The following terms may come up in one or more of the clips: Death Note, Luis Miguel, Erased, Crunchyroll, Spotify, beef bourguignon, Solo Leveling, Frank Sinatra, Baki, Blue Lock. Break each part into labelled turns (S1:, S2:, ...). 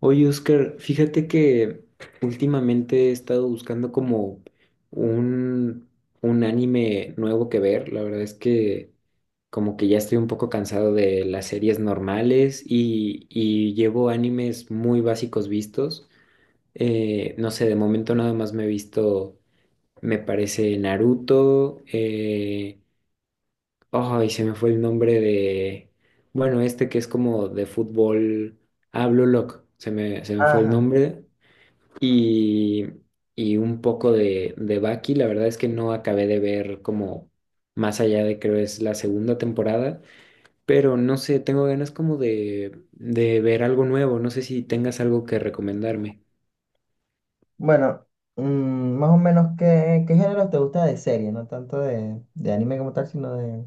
S1: Oye, Oscar, fíjate que últimamente he estado buscando como un, un anime nuevo que ver. La verdad es que como que ya estoy un poco cansado de las series normales y llevo animes muy básicos vistos. No sé, de momento nada más me he visto, me parece Naruto. Ay, se me fue el nombre de, bueno, este que es como de fútbol. Ah, Blue Lock, se me fue el
S2: Ajá.
S1: nombre y, y un poco de Baki. La verdad es que no acabé de ver como más allá de creo es la segunda temporada, pero no sé, tengo ganas como de ver algo nuevo. No sé si tengas algo que recomendarme.
S2: Bueno, mm, más o menos, ¿qué géneros te gusta de serie? No tanto de anime como tal, sino de...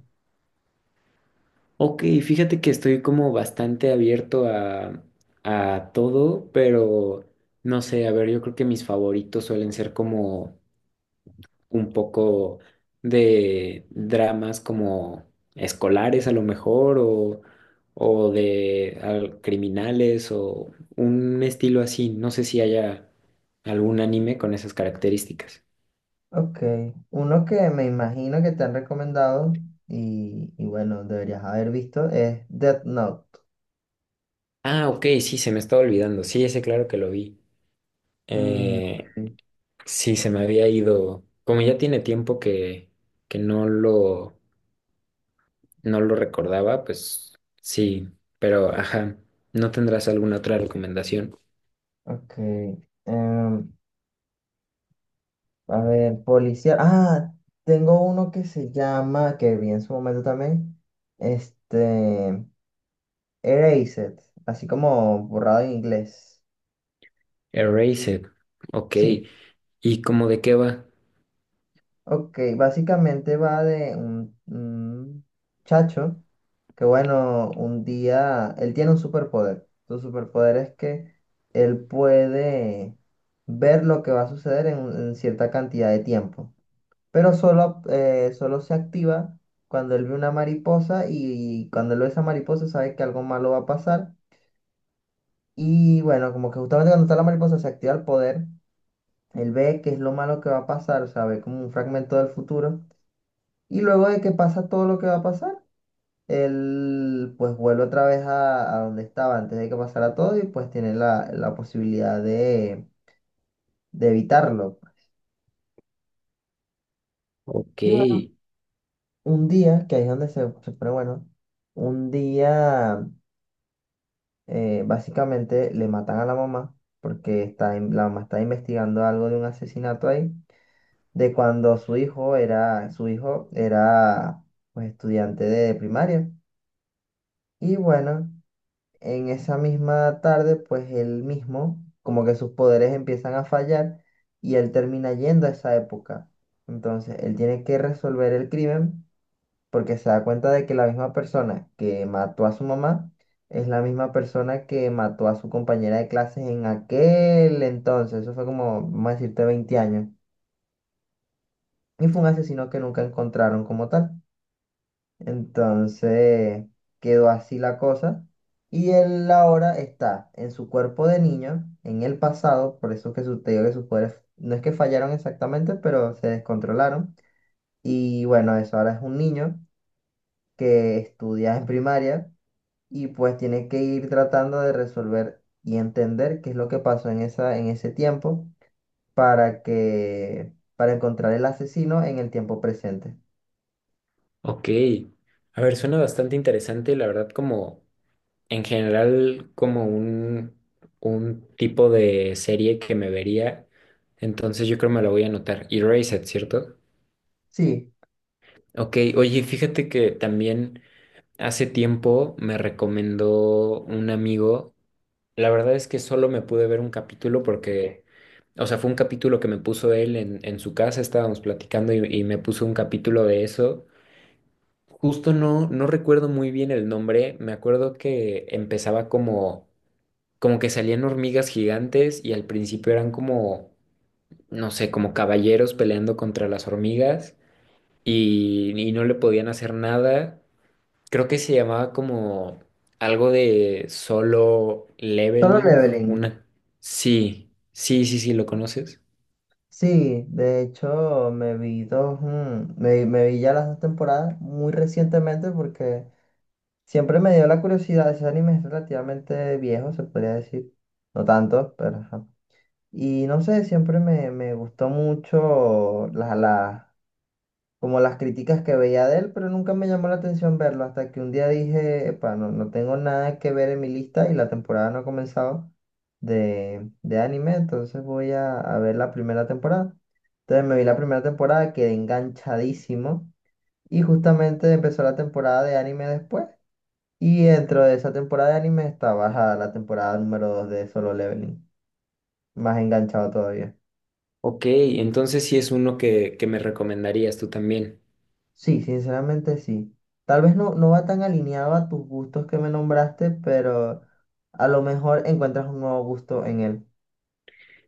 S1: Ok, fíjate que estoy como bastante abierto a todo, pero no sé, a ver, yo creo que mis favoritos suelen ser como un poco de dramas como escolares a lo mejor o de criminales o un estilo así. No sé si haya algún anime con esas características.
S2: Ok, uno que me imagino que te han recomendado y bueno, deberías haber visto es Death Note.
S1: Ah, ok, sí, se me estaba olvidando. Sí, ese claro que lo vi. Eh,
S2: Ok,
S1: sí, se me había ido. Como ya tiene tiempo que, que no lo, no lo recordaba, pues sí, pero ajá, ¿no tendrás alguna otra recomendación?
S2: ok. em, a ver, policía. Ah, tengo uno que se llama, que vi en su momento también, este, Erased, así como borrado en inglés.
S1: Erased. Ok.
S2: Sí.
S1: ¿Y cómo de qué va?
S2: Ok, básicamente va de un chacho que bueno, un día, él tiene un superpoder. Su superpoder es que él puede ver lo que va a suceder en cierta cantidad de tiempo, pero solo, solo se activa cuando él ve una mariposa y cuando él ve esa mariposa sabe que algo malo va a pasar. Y bueno, como que justamente cuando está la mariposa se activa el poder, él ve que es lo malo que va a pasar, o sea, ve como un fragmento del futuro. Y luego de que pasa todo lo que va a pasar, él pues vuelve otra vez a donde estaba antes de que pasara todo y pues tiene la posibilidad de evitarlo.
S1: Ok,
S2: Y bueno, un día, que ahí es donde se pone bueno, un día básicamente le matan a la mamá porque está, la mamá está investigando algo de un asesinato ahí, de cuando su hijo era pues estudiante de primaria. Y bueno. En esa misma tarde, pues él mismo, como que sus poderes empiezan a fallar y él termina yendo a esa época. Entonces, él tiene que resolver el crimen porque se da cuenta de que la misma persona que mató a su mamá es la misma persona que mató a su compañera de clases en aquel entonces. Eso fue como, vamos a decirte, 20 años. Y fue un asesino que nunca encontraron como tal. Entonces quedó así la cosa. Y él ahora está en su cuerpo de niño, en el pasado, por eso que su, te digo que sus poderes no es que fallaron exactamente, pero se descontrolaron. Y bueno, eso ahora es un niño que estudia en primaria y pues tiene que ir tratando de resolver y entender qué es lo que pasó en esa, en ese tiempo para que, para encontrar el asesino en el tiempo presente.
S1: ok. A ver, suena bastante interesante, la verdad, como en general, como un tipo de serie que me vería. Entonces yo creo me la voy a anotar. Erased, ¿cierto?
S2: Sí,
S1: Ok, oye, fíjate que también. Hace tiempo me recomendó un amigo. La verdad es que solo me pude ver un capítulo porque, o sea, fue un capítulo que me puso él en su casa, estábamos platicando y me puso un capítulo de eso. Justo no recuerdo muy bien el nombre, me acuerdo que empezaba como, como que salían hormigas gigantes y al principio eran como, no sé, como caballeros peleando contra las hormigas y no le podían hacer nada. Creo que se llamaba como algo de Solo
S2: solo
S1: Leveling,
S2: leveling.
S1: una. Sí, sí, sí, sí, ¿lo conoces?
S2: Sí, de hecho me vi dos, me vi ya las 2 temporadas muy recientemente porque siempre me dio la curiosidad, ese anime es relativamente viejo, se podría decir, no tanto, pero ajá. Y no sé, siempre me gustó mucho las como las críticas que veía de él, pero nunca me llamó la atención verlo hasta que un día dije, epa, no tengo nada que ver en mi lista y la temporada no ha comenzado de anime, entonces voy a ver la primera temporada. Entonces me vi la primera temporada, quedé enganchadísimo y justamente empezó la temporada de anime después. Y dentro de esa temporada de anime está bajada la temporada número 2 de Solo Leveling, más enganchado todavía.
S1: Ok, entonces sí es uno que me recomendarías tú también.
S2: Sí, sinceramente sí. Tal vez no, no va tan alineado a tus gustos que me nombraste, pero a lo mejor encuentras un nuevo gusto en él.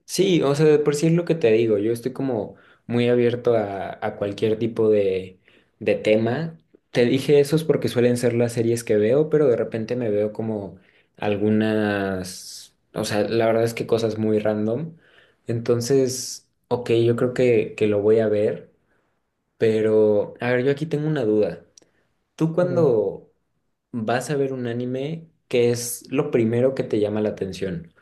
S1: Sí, o sea, de por sí es lo que te digo, yo estoy como muy abierto a cualquier tipo de tema. Te dije eso es porque suelen ser las series que veo, pero de repente me veo como algunas, o sea, la verdad es que cosas muy random. Entonces, ok, yo creo que lo voy a ver, pero a ver, yo aquí tengo una duda. ¿Tú
S2: Ok.
S1: cuando vas a ver un anime, qué es lo primero que te llama la atención?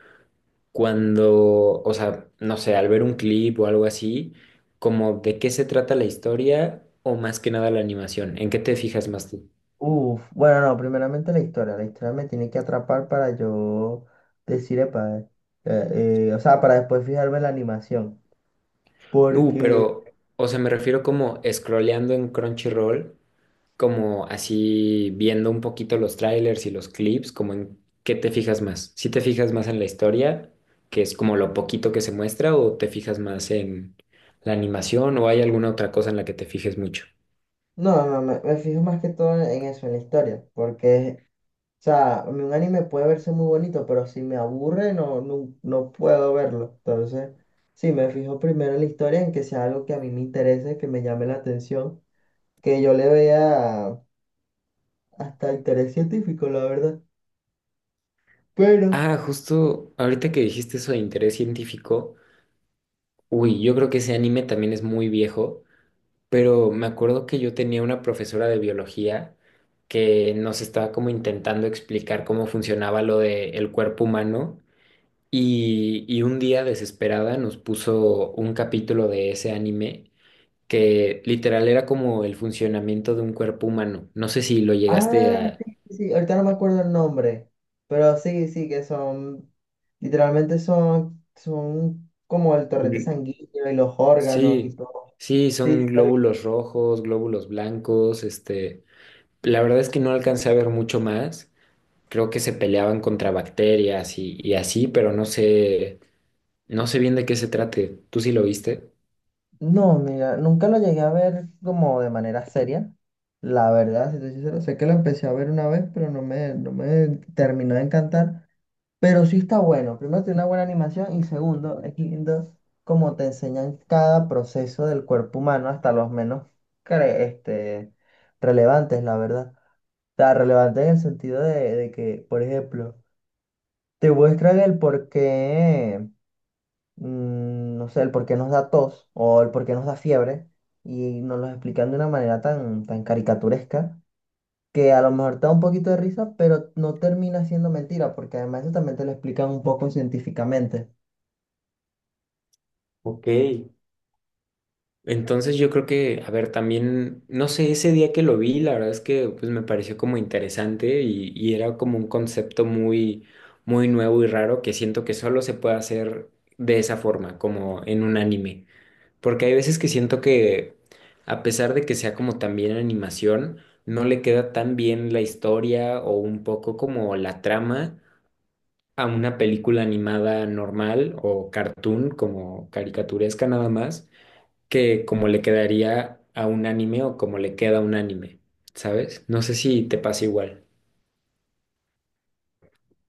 S1: Cuando, o sea, no sé, al ver un clip o algo así, como de qué se trata la historia o más que nada la animación, ¿en qué te fijas más tú?
S2: Uf, bueno, no, primeramente la historia. La historia me tiene que atrapar para yo decir, epa, o sea, para después fijarme en la animación.
S1: No,
S2: Porque...
S1: pero, o sea, me refiero como scrolleando en Crunchyroll, como así viendo un poquito los trailers y los clips, como en qué te fijas más. ¿Si te fijas más en la historia, que es como lo poquito que se muestra, o te fijas más en la animación, o hay alguna otra cosa en la que te fijes mucho?
S2: No, no, me fijo más que todo en eso, en la historia, porque o sea, a mí un anime puede verse muy bonito, pero si me aburre, no, no, no puedo verlo. Entonces, sí, me fijo primero en la historia, en que sea algo que a mí me interese, que me llame la atención, que yo le vea hasta interés científico, la verdad. Pero,
S1: Ah, justo ahorita que dijiste eso de interés científico, uy, yo creo que ese anime también es muy viejo, pero me acuerdo que yo tenía una profesora de biología que nos estaba como intentando explicar cómo funcionaba lo del cuerpo humano y un día desesperada nos puso un capítulo de ese anime que literal era como el funcionamiento de un cuerpo humano. No sé si lo llegaste
S2: ah,
S1: a...
S2: sí, sí, sí, ahorita no me acuerdo el nombre, pero sí, sí, que son, literalmente son, son como el torrente sanguíneo y los órganos y
S1: Sí,
S2: todo.
S1: sí,
S2: Sí,
S1: son
S2: sí, sí.
S1: glóbulos rojos, glóbulos blancos, este, la verdad es que no alcancé a ver mucho más. Creo que se peleaban contra bacterias y así, pero no sé, no sé bien de qué se trate. ¿Tú sí lo viste?
S2: No, mira, nunca lo llegué a ver como de manera seria. La verdad, si te soy sincero, sé que lo empecé a ver una vez, pero no me, no me terminó de encantar. Pero sí está bueno. Primero, tiene una buena animación y segundo, es lindo cómo te enseñan cada proceso del cuerpo humano, hasta los menos cre- este, relevantes, la verdad. O sea, relevantes en el sentido de que, por ejemplo, te muestran el por qué no sé, el por qué nos da tos o el por qué nos da fiebre y nos los explican de una manera tan caricaturesca que a lo mejor te da un poquito de risa, pero no termina siendo mentira, porque además eso también te lo explican un poco científicamente.
S1: Ok, entonces yo creo que, a ver, también, no sé, ese día que lo vi, la verdad es que pues me pareció como interesante y era como un concepto muy, muy nuevo y raro que siento que solo se puede hacer de esa forma, como en un anime. Porque hay veces que siento que, a pesar de que sea como también animación, no le queda tan bien la historia o un poco como la trama a una película animada normal o cartoon, como caricaturesca nada más, que como le quedaría a un anime o como le queda a un anime, ¿sabes? No sé si te pasa igual.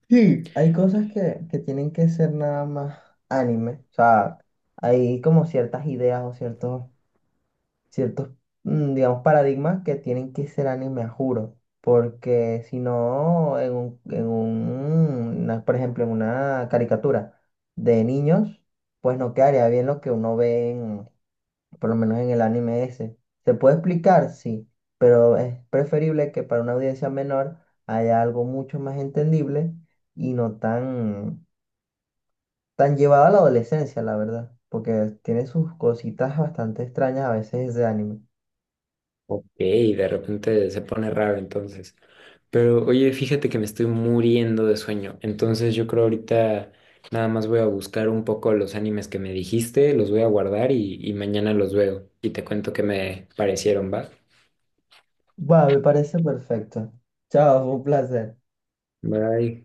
S2: Sí. Hay cosas que tienen que ser nada más anime, o sea, hay como ciertas ideas o ciertos, digamos, paradigmas que tienen que ser anime, a juro. Porque si no, por ejemplo, en una caricatura de niños, pues no quedaría bien lo que uno ve en, por lo menos en el anime ese. ¿Se puede explicar? Sí, pero es preferible que para una audiencia menor haya algo mucho más entendible y no tan llevado a la adolescencia, la verdad. Porque tiene sus cositas bastante extrañas a veces ese anime.
S1: Ok, de repente se pone raro entonces. Pero oye, fíjate que me estoy muriendo de sueño. Entonces yo creo ahorita nada más voy a buscar un poco los animes que me dijiste, los voy a guardar y mañana los veo. Y te cuento qué me parecieron, ¿va?
S2: Va, me parece perfecto. Chao, fue un placer.
S1: Bye.